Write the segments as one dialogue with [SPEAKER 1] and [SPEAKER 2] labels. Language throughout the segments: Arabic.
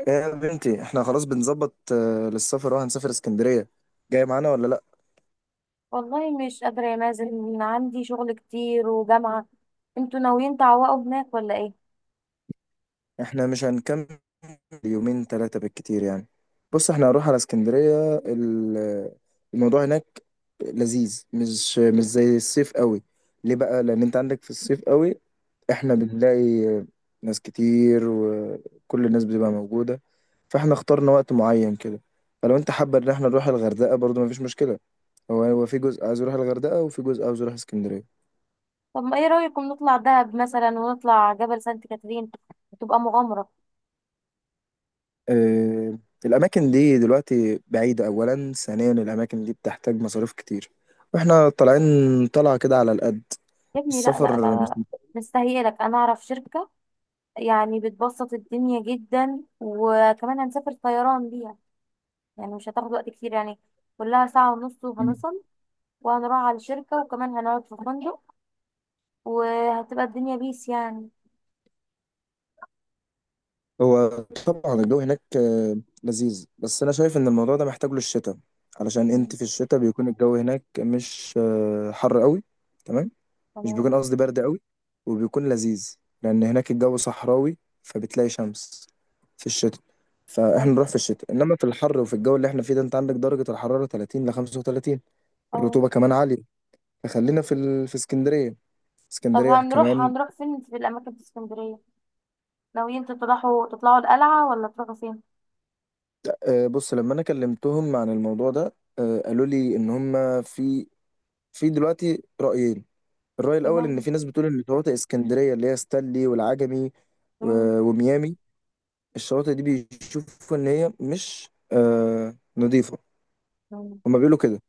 [SPEAKER 1] ايه يا بنتي، احنا خلاص بنظبط للسفر. اه هنسافر اسكندرية. جاي معانا ولا لا؟
[SPEAKER 2] والله مش قادرة يا مازن، عندي شغل كتير وجامعة. انتوا ناويين تعوقوا هناك ولا ايه؟
[SPEAKER 1] احنا مش هنكمل، يومين ثلاثة بالكتير يعني. بص، احنا هنروح على اسكندرية الموضوع هناك لذيذ، مش زي الصيف قوي. ليه بقى؟ لان انت عندك في الصيف قوي احنا بنلاقي ناس كتير، وكل الناس بتبقى موجودة، فاحنا اخترنا وقت معين كده. فلو انت حابب ان احنا نروح الغردقة برضو مفيش مشكلة. هو في جزء عايز يروح الغردقة وفي جزء عايز يروح اسكندرية.
[SPEAKER 2] طب ما ايه رأيكم نطلع دهب مثلا ونطلع جبل سانت كاترين، تبقى مغامرة.
[SPEAKER 1] آه، الأماكن دي دلوقتي بعيدة، أولا. ثانيا، الأماكن دي بتحتاج مصاريف كتير، وإحنا طالعين طلعة كده على القد.
[SPEAKER 2] يا ابني لا لا لا
[SPEAKER 1] السفر مش
[SPEAKER 2] لا، مستهيئلك انا اعرف شركة، يعني بتبسط الدنيا جدا وكمان هنسافر طيران بيها، يعني مش هتاخد وقت كتير يعني، كلها ساعة ونص
[SPEAKER 1] متأكد.
[SPEAKER 2] وهنصل. وهنروح على الشركة وكمان هنقعد في فندق، وهتبقى الدنيا بيس يعني.
[SPEAKER 1] هو طبعا الجو هناك لذيذ، بس أنا شايف إن الموضوع ده محتاج له الشتاء. علشان أنت
[SPEAKER 2] مم.
[SPEAKER 1] في الشتاء بيكون الجو هناك مش حر قوي. تمام. مش
[SPEAKER 2] تمام.
[SPEAKER 1] بيكون قصدي، برد قوي وبيكون لذيذ، لان هناك الجو صحراوي فبتلاقي شمس في الشتاء. فاحنا
[SPEAKER 2] حلو.
[SPEAKER 1] نروح في الشتاء، انما في الحر وفي الجو اللي احنا فيه ده انت عندك درجة الحرارة 30 ل 35.
[SPEAKER 2] اه.
[SPEAKER 1] الرطوبة كمان عالية، فخلينا في اسكندرية.
[SPEAKER 2] طب
[SPEAKER 1] اسكندرية
[SPEAKER 2] هنروح
[SPEAKER 1] كمان.
[SPEAKER 2] هنروح فين في الأماكن في اسكندرية؟ ناويين تطلعوا تطلعوا القلعة ولا تروحوا فين؟
[SPEAKER 1] بص، لما انا كلمتهم عن الموضوع ده قالوا لي ان هم في، في دلوقتي رأيين. الرأي الاول ان
[SPEAKER 2] مم.
[SPEAKER 1] في ناس بتقول ان شواطئ اسكندرية اللي هي ستانلي والعجمي
[SPEAKER 2] مم.
[SPEAKER 1] وميامي، الشواطئ دي بيشوفوا ان هي مش نظيفه،
[SPEAKER 2] مم.
[SPEAKER 1] هما بيقولوا كده.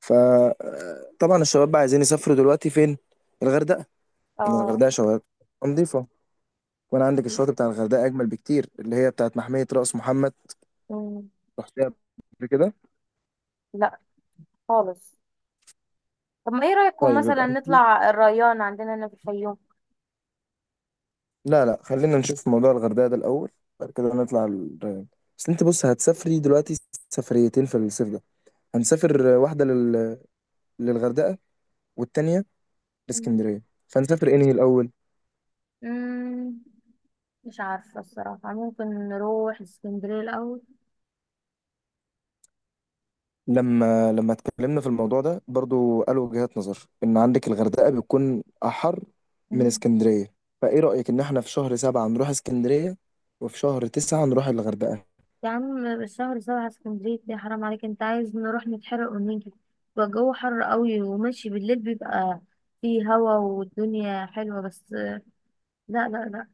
[SPEAKER 1] فطبعا الشباب بقى عايزين يسافروا دلوقتي فين؟ الغردقه. ان
[SPEAKER 2] آه.
[SPEAKER 1] الغردقه شواطئ نظيفه. وانا عندك الشواطئ بتاع الغردقه اجمل بكتير، اللي هي بتاعت محميه راس محمد.
[SPEAKER 2] مم.
[SPEAKER 1] رحتها قبل كده؟
[SPEAKER 2] لا خالص. طب ما ايه رأيكم
[SPEAKER 1] طيب يبقى
[SPEAKER 2] مثلا
[SPEAKER 1] أكيد.
[SPEAKER 2] نطلع الريان عندنا هنا في الفيوم؟
[SPEAKER 1] لا لا، خلينا نشوف موضوع الغردقه ده الاول، بعد كده نطلع الريان. بس انت بص، هتسافري دلوقتي سفريتين في الصيف ده. هنسافر واحده للغردقه، والتانيه
[SPEAKER 2] مم.
[SPEAKER 1] لاسكندريه. فهنسافر انهي الاول؟
[SPEAKER 2] مم. مش عارفة الصراحة، ممكن نروح اسكندرية الأول.
[SPEAKER 1] لما اتكلمنا في الموضوع ده برضو قالوا وجهات نظر ان عندك الغردقة بتكون احر من
[SPEAKER 2] مم.
[SPEAKER 1] اسكندرية. فايه رأيك ان احنا في شهر سبعة نروح اسكندرية، وفي شهر تسعة نروح الغردقة؟
[SPEAKER 2] يا عم الشهر سبعة اسكندرية دي حرام عليك، انت عايز نروح نتحرق ونيجي، بيبقى الجو حر قوي، وماشي بالليل بيبقى فيه هوا والدنيا حلوة، بس لا لا لا،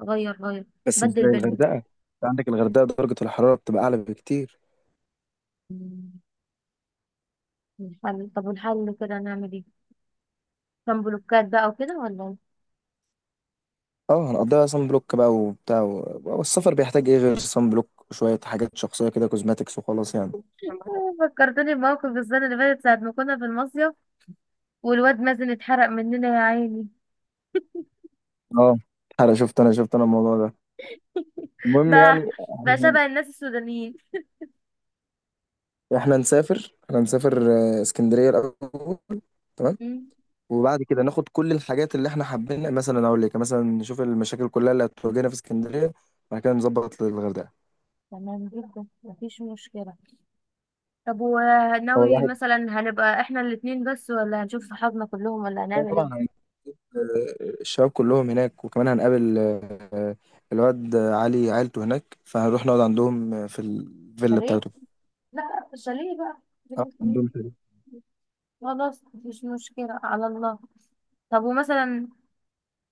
[SPEAKER 2] غير غير،
[SPEAKER 1] بس مش
[SPEAKER 2] بدل
[SPEAKER 1] زي
[SPEAKER 2] بينهم.
[SPEAKER 1] الغردقة، انت عندك الغردقة درجة الحرارة بتبقى اعلى بكتير.
[SPEAKER 2] مم. الحل، طب والحل كده نعمل ايه؟ كان بلوكات بقى وكده ولا ايه؟
[SPEAKER 1] اه، هنقضيها صن بلوك بقى وبتاع والسفر بيحتاج ايه غير صن بلوك وشوية حاجات شخصية كده، كوزماتكس وخلاص يعني.
[SPEAKER 2] فكرتني بموقف السنة اللي فاتت ساعة ما كنا في المصيف، والواد مازن اتحرق مننا يا عيني.
[SPEAKER 1] اه انا شفت انا الموضوع ده، المهم
[SPEAKER 2] بقى،
[SPEAKER 1] يعني
[SPEAKER 2] بقى
[SPEAKER 1] احنا
[SPEAKER 2] شبه الناس السودانيين.
[SPEAKER 1] احنا نسافر احنا نسافر اسكندرية الاول. تمام.
[SPEAKER 2] مم.
[SPEAKER 1] وبعد كده ناخد كل الحاجات اللي احنا حابين، مثلا اقول لك مثلا نشوف المشاكل كلها اللي هتواجهنا في اسكندريه، بعد كده نظبط للغردقه.
[SPEAKER 2] تمام جدا مفيش مشكلة. طب
[SPEAKER 1] هو
[SPEAKER 2] وناوي
[SPEAKER 1] الواحد.
[SPEAKER 2] مثلا هنبقى احنا الاتنين بس، ولا هنشوف صحابنا كلهم، ولا هنعمل
[SPEAKER 1] طبعا
[SPEAKER 2] ايه؟
[SPEAKER 1] الشباب كلهم هناك، وكمان هنقابل الواد علي عيلته هناك فهنروح نقعد عندهم في الفيلا
[SPEAKER 2] شاليه،
[SPEAKER 1] بتاعته.
[SPEAKER 2] لا شاليه بقى.
[SPEAKER 1] عندهم
[SPEAKER 2] خلاص مفيش مشكلة، على الله. طب ومثلا،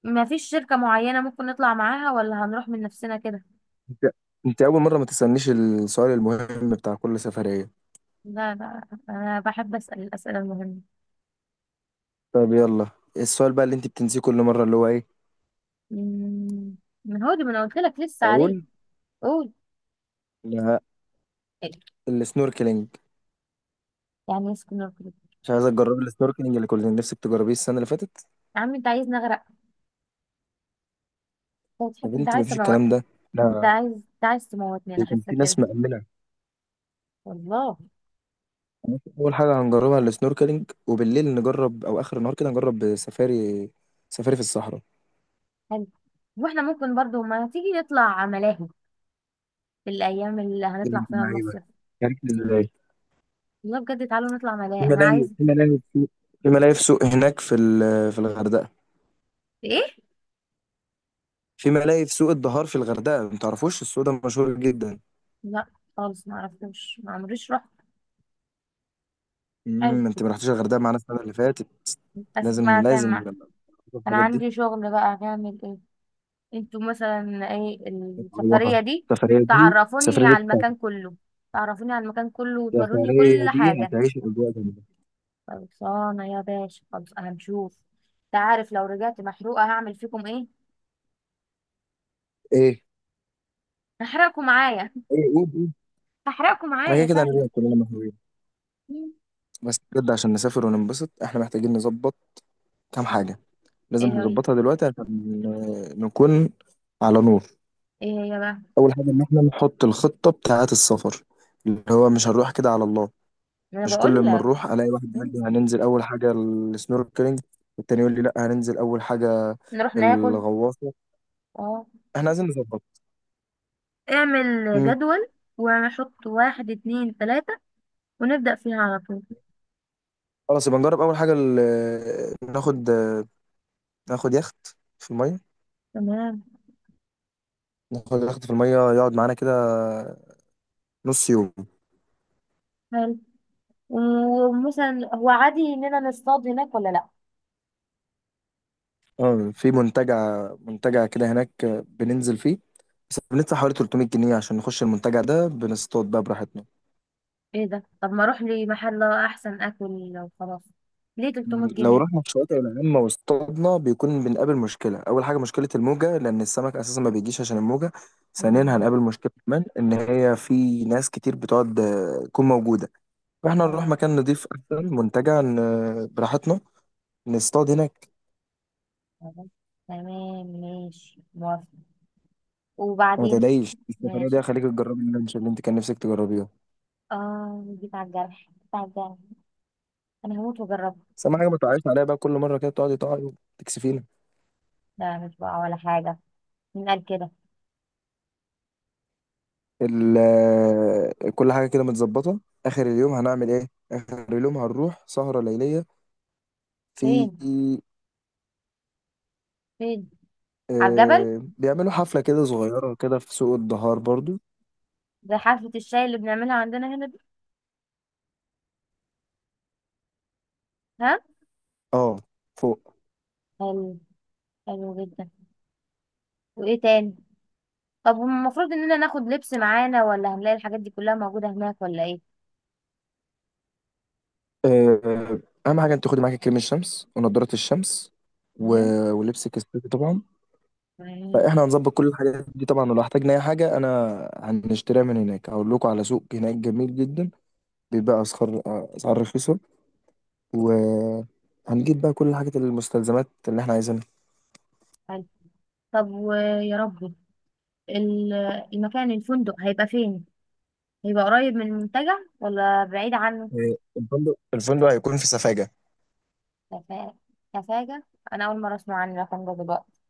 [SPEAKER 2] ما فيش شركة معينة ممكن نطلع معاها، ولا هنروح من نفسنا كده؟
[SPEAKER 1] انت انت اول مره ما تسالنيش السؤال المهم بتاع كل سفريه.
[SPEAKER 2] لا لا، أنا بحب أسأل الأسئلة المهمة.
[SPEAKER 1] طب يلا، السؤال بقى اللي انت بتنسيه كل مره اللي هو ايه؟
[SPEAKER 2] مم. ما هو دي ما أنا قلت لك لسه عليه.
[SPEAKER 1] اقول؟
[SPEAKER 2] قول.
[SPEAKER 1] لا.
[SPEAKER 2] إيه؟
[SPEAKER 1] السنوركلينج.
[SPEAKER 2] يعني يسكن الكل.
[SPEAKER 1] مش عايزه تجربي السنوركلينج اللي كنت نفسك تجربيه السنه اللي فاتت؟
[SPEAKER 2] يا عم أنت عايز نغرق؟ أنت
[SPEAKER 1] يا
[SPEAKER 2] بتحب، أنت
[SPEAKER 1] بنتي،
[SPEAKER 2] عايز
[SPEAKER 1] مفيش
[SPEAKER 2] تموت.
[SPEAKER 1] الكلام ده.
[SPEAKER 2] أنت
[SPEAKER 1] لا،
[SPEAKER 2] عايز أنت عايز تموتني، أنا
[SPEAKER 1] ده كان
[SPEAKER 2] حاسة
[SPEAKER 1] في
[SPEAKER 2] كده.
[SPEAKER 1] ناس مأمنة.
[SPEAKER 2] والله.
[SPEAKER 1] أول حاجة هنجربها السنوركلينج، وبالليل نجرب أو آخر النهار كده نجرب سفاري، سفاري في الصحراء.
[SPEAKER 2] حلو. وإحنا ممكن برضو ما تيجي نطلع ملاهي في الأيام اللي
[SPEAKER 1] يا
[SPEAKER 2] هنطلع
[SPEAKER 1] بنت
[SPEAKER 2] فيها
[SPEAKER 1] اللعيبة،
[SPEAKER 2] المصيف.
[SPEAKER 1] عرفت ازاي؟
[SPEAKER 2] والله بجد تعالوا نطلع
[SPEAKER 1] في
[SPEAKER 2] ملاهي، أنا
[SPEAKER 1] ملاهي
[SPEAKER 2] عايز.
[SPEAKER 1] في ملاهي في في سوق هناك في الغردقة.
[SPEAKER 2] إيه؟
[SPEAKER 1] في ملاهي في سوق الدهار في الغردقة، ما تعرفوش السوق ده مشهور جدا؟
[SPEAKER 2] لا خالص، ما عرفتوش، ما عمريش رحت. حلو.
[SPEAKER 1] انت ما رحتيش الغردقة معانا السنة اللي فاتت.
[SPEAKER 2] بس ما
[SPEAKER 1] لازم
[SPEAKER 2] كان.
[SPEAKER 1] لازم
[SPEAKER 2] انا
[SPEAKER 1] الحاجات دي
[SPEAKER 2] عندي شغل بقى، هنعمل ايه؟ انتوا مثلا ايه؟ السفرية
[SPEAKER 1] تعوضها.
[SPEAKER 2] دي.
[SPEAKER 1] السفرية دي،
[SPEAKER 2] تعرفوني
[SPEAKER 1] السفرية دي
[SPEAKER 2] على
[SPEAKER 1] بتاعتك،
[SPEAKER 2] المكان كله، تعرفوني على المكان كله وتوروني
[SPEAKER 1] السفرية
[SPEAKER 2] كل
[SPEAKER 1] دي
[SPEAKER 2] حاجة.
[SPEAKER 1] هتعيش الأجواء جامدة.
[SPEAKER 2] خلصانة يا باشا، خلص هنشوف. انت عارف لو رجعت محروقة هعمل فيكم ايه؟
[SPEAKER 1] ايه؟
[SPEAKER 2] هحرقكم معايا.
[SPEAKER 1] ايه، قول.
[SPEAKER 2] هحرقكم
[SPEAKER 1] احنا
[SPEAKER 2] معايا
[SPEAKER 1] كده كده
[SPEAKER 2] سهلة.
[SPEAKER 1] هنبقى كلنا مهووسين.
[SPEAKER 2] مم.
[SPEAKER 1] بس بجد عشان نسافر وننبسط احنا محتاجين نظبط كام حاجة، لازم
[SPEAKER 2] ايه هي؟
[SPEAKER 1] نظبطها دلوقتي عشان نكون على نور.
[SPEAKER 2] ايه هي بقى؟
[SPEAKER 1] اول حاجة ان احنا نحط الخطة بتاعة السفر، اللي هو مش هنروح كده على الله.
[SPEAKER 2] انا
[SPEAKER 1] مش كل
[SPEAKER 2] بقول
[SPEAKER 1] ما
[SPEAKER 2] لك.
[SPEAKER 1] نروح الاقي واحد يقول لي
[SPEAKER 2] مم.
[SPEAKER 1] هننزل اول حاجة السنوركلينج، والتاني يقول لي لا هننزل اول حاجة
[SPEAKER 2] نروح ناكل.
[SPEAKER 1] الغواصة.
[SPEAKER 2] اه.
[SPEAKER 1] احنا عايزين نظبط.
[SPEAKER 2] اعمل
[SPEAKER 1] امم،
[SPEAKER 2] جدول، ونحط واحد اتنين تلاتة، ونبدأ فيها على طول.
[SPEAKER 1] خلاص يبقى نجرب اول حاجة ناخد يخت في المية.
[SPEAKER 2] تمام.
[SPEAKER 1] ناخد يخت في المية يقعد معانا كده نص يوم.
[SPEAKER 2] حلو. ومثلا هو عادي اننا نصطاد هناك ولا لا؟
[SPEAKER 1] اه، في منتجع كده هناك بننزل فيه، بس بندفع حوالي 300 جنيه عشان نخش المنتجع ده، بنصطاد بقى براحتنا.
[SPEAKER 2] ايه ده؟ طب ما اروح لمحل احسن اكل وخلاص، ليه 300
[SPEAKER 1] لو
[SPEAKER 2] جنيه
[SPEAKER 1] رحنا في شواطئ العامة واصطادنا بيكون بنقابل مشكلة، أول حاجة مشكلة الموجة لأن السمك أساسا ما بيجيش عشان الموجة. ثانيا،
[SPEAKER 2] مم.
[SPEAKER 1] هنقابل مشكلة كمان إن هي في ناس كتير بتقعد تكون موجودة. فإحنا نروح
[SPEAKER 2] اه.
[SPEAKER 1] مكان نضيف أحسن منتجع براحتنا، نصطاد هناك.
[SPEAKER 2] خلاص. تمام ماشي موافقة.
[SPEAKER 1] وما
[SPEAKER 2] وبعدين.
[SPEAKER 1] تلاقيش السفرية دي
[SPEAKER 2] ماشي.
[SPEAKER 1] هخليك تجربي اللانش اللي أنت كان نفسك تجربيها.
[SPEAKER 2] اه جيت على الجرح، جيت على الجرح، انا هموت واجربه.
[SPEAKER 1] بس اهم حاجه ما تقعيش عليها بقى، كل مره كده بتقعدي تقعي وتكسفينا.
[SPEAKER 2] لا مش بقى ولا حاجة، مين قال كده؟
[SPEAKER 1] كل حاجه كده متظبطه. اخر اليوم هنعمل ايه؟ اخر اليوم هنروح سهره ليليه
[SPEAKER 2] فين؟
[SPEAKER 1] في
[SPEAKER 2] فين؟ على الجبل،
[SPEAKER 1] آه بيعملوا حفله كده صغيره كده في سوق الدهار برضو.
[SPEAKER 2] زي حفلة الشاي اللي بنعملها عندنا هنا دي. ها.
[SPEAKER 1] اه، فوق.
[SPEAKER 2] حلو. حلو جدا. وايه تاني؟ طب المفروض اننا ناخد لبس معانا، ولا هنلاقي الحاجات دي كلها موجودة هناك، ولا ايه؟
[SPEAKER 1] آه اهم حاجه انت خدي معاكي كريم الشمس ونضاره الشمس و...
[SPEAKER 2] تمام.
[SPEAKER 1] ولبسك الصيفي طبعا.
[SPEAKER 2] تمام.
[SPEAKER 1] فاحنا هنظبط كل الحاجات دي طبعا، ولو احتاجنا اي حاجه انا هنشتريها من هناك، هقول لكم على سوق هناك جميل جدا، بيبقى اسعار اسعار رخيصه، وهنجيب بقى كل الحاجات المستلزمات اللي احنا عايزينها.
[SPEAKER 2] حلو. طب ويا ربي، ال- المكان، الفندق هيبقى فين؟ هيبقى قريب من المنتجع ولا بعيد عنه؟
[SPEAKER 1] إيه، الفندق هيكون في سفاجة.
[SPEAKER 2] كفا- كفاجة؟ انا اول مرة اسمع عن الرقم ده دلوقتي.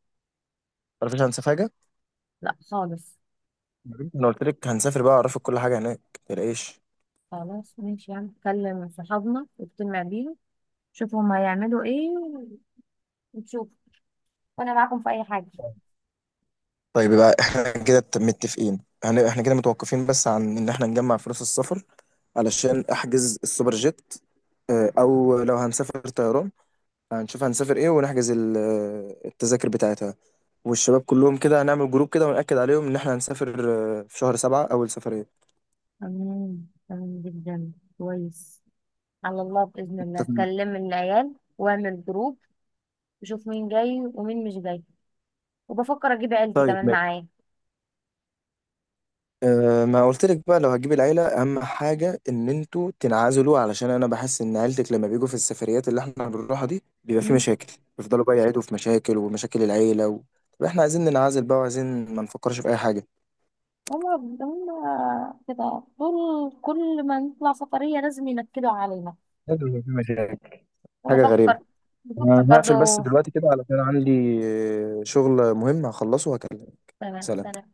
[SPEAKER 1] تعرفيش عن سفاجة؟
[SPEAKER 2] لا خالص.
[SPEAKER 1] مم. انا قلت لك هنسافر بقى اعرفك كل حاجة هناك متقلقيش.
[SPEAKER 2] خلاص ماشي، يعني نكلم صحابنا ونجتمع بيهم، شوف هم هيعملوا ايه، ونشوف، وانا معاكم في اي حاجة.
[SPEAKER 1] طيب يبقى احنا كده متفقين. احنا كده متوقفين بس عن ان احنا نجمع فلوس السفر علشان احجز السوبر جيت، او لو هنسافر طيران هنشوف هنسافر ايه، ونحجز التذاكر بتاعتها. والشباب كلهم كده هنعمل جروب كده ونأكد عليهم ان احنا هنسافر في شهر سبعة اول سفرية.
[SPEAKER 2] تمام. تمام جدا. كويس. على الله بإذن الله،
[SPEAKER 1] اتفقنا.
[SPEAKER 2] كلم العيال واعمل جروب، وشوف مين جاي ومين مش جاي. وبفكر أجيب عيلتي
[SPEAKER 1] طيب
[SPEAKER 2] كمان
[SPEAKER 1] ماشي.
[SPEAKER 2] معايا.
[SPEAKER 1] أه، ما قلت لك بقى لو هتجيب العيلة أهم حاجة إن أنتوا تنعزلوا، علشان أنا بحس إن عيلتك لما بيجوا في السفريات اللي إحنا بنروحها دي بيبقى في
[SPEAKER 2] هم.
[SPEAKER 1] مشاكل. بيفضلوا بقى يعيدوا في مشاكل، ومشاكل العيلة طب إحنا عايزين ننعزل بقى وعايزين ما نفكرش في أي حاجة.
[SPEAKER 2] هم. كده طول، كل ما نطلع سفرية لازم ينكدوا علينا.
[SPEAKER 1] لازم يبقى في مشاكل. حاجة غريبة.
[SPEAKER 2] وبفكر، بفكر
[SPEAKER 1] أنا هقفل بس
[SPEAKER 2] برضو.
[SPEAKER 1] دلوقتي كده علشان عندي شغل مهم هخلصه، وهكلمك.
[SPEAKER 2] تمام
[SPEAKER 1] سلام.
[SPEAKER 2] سلام.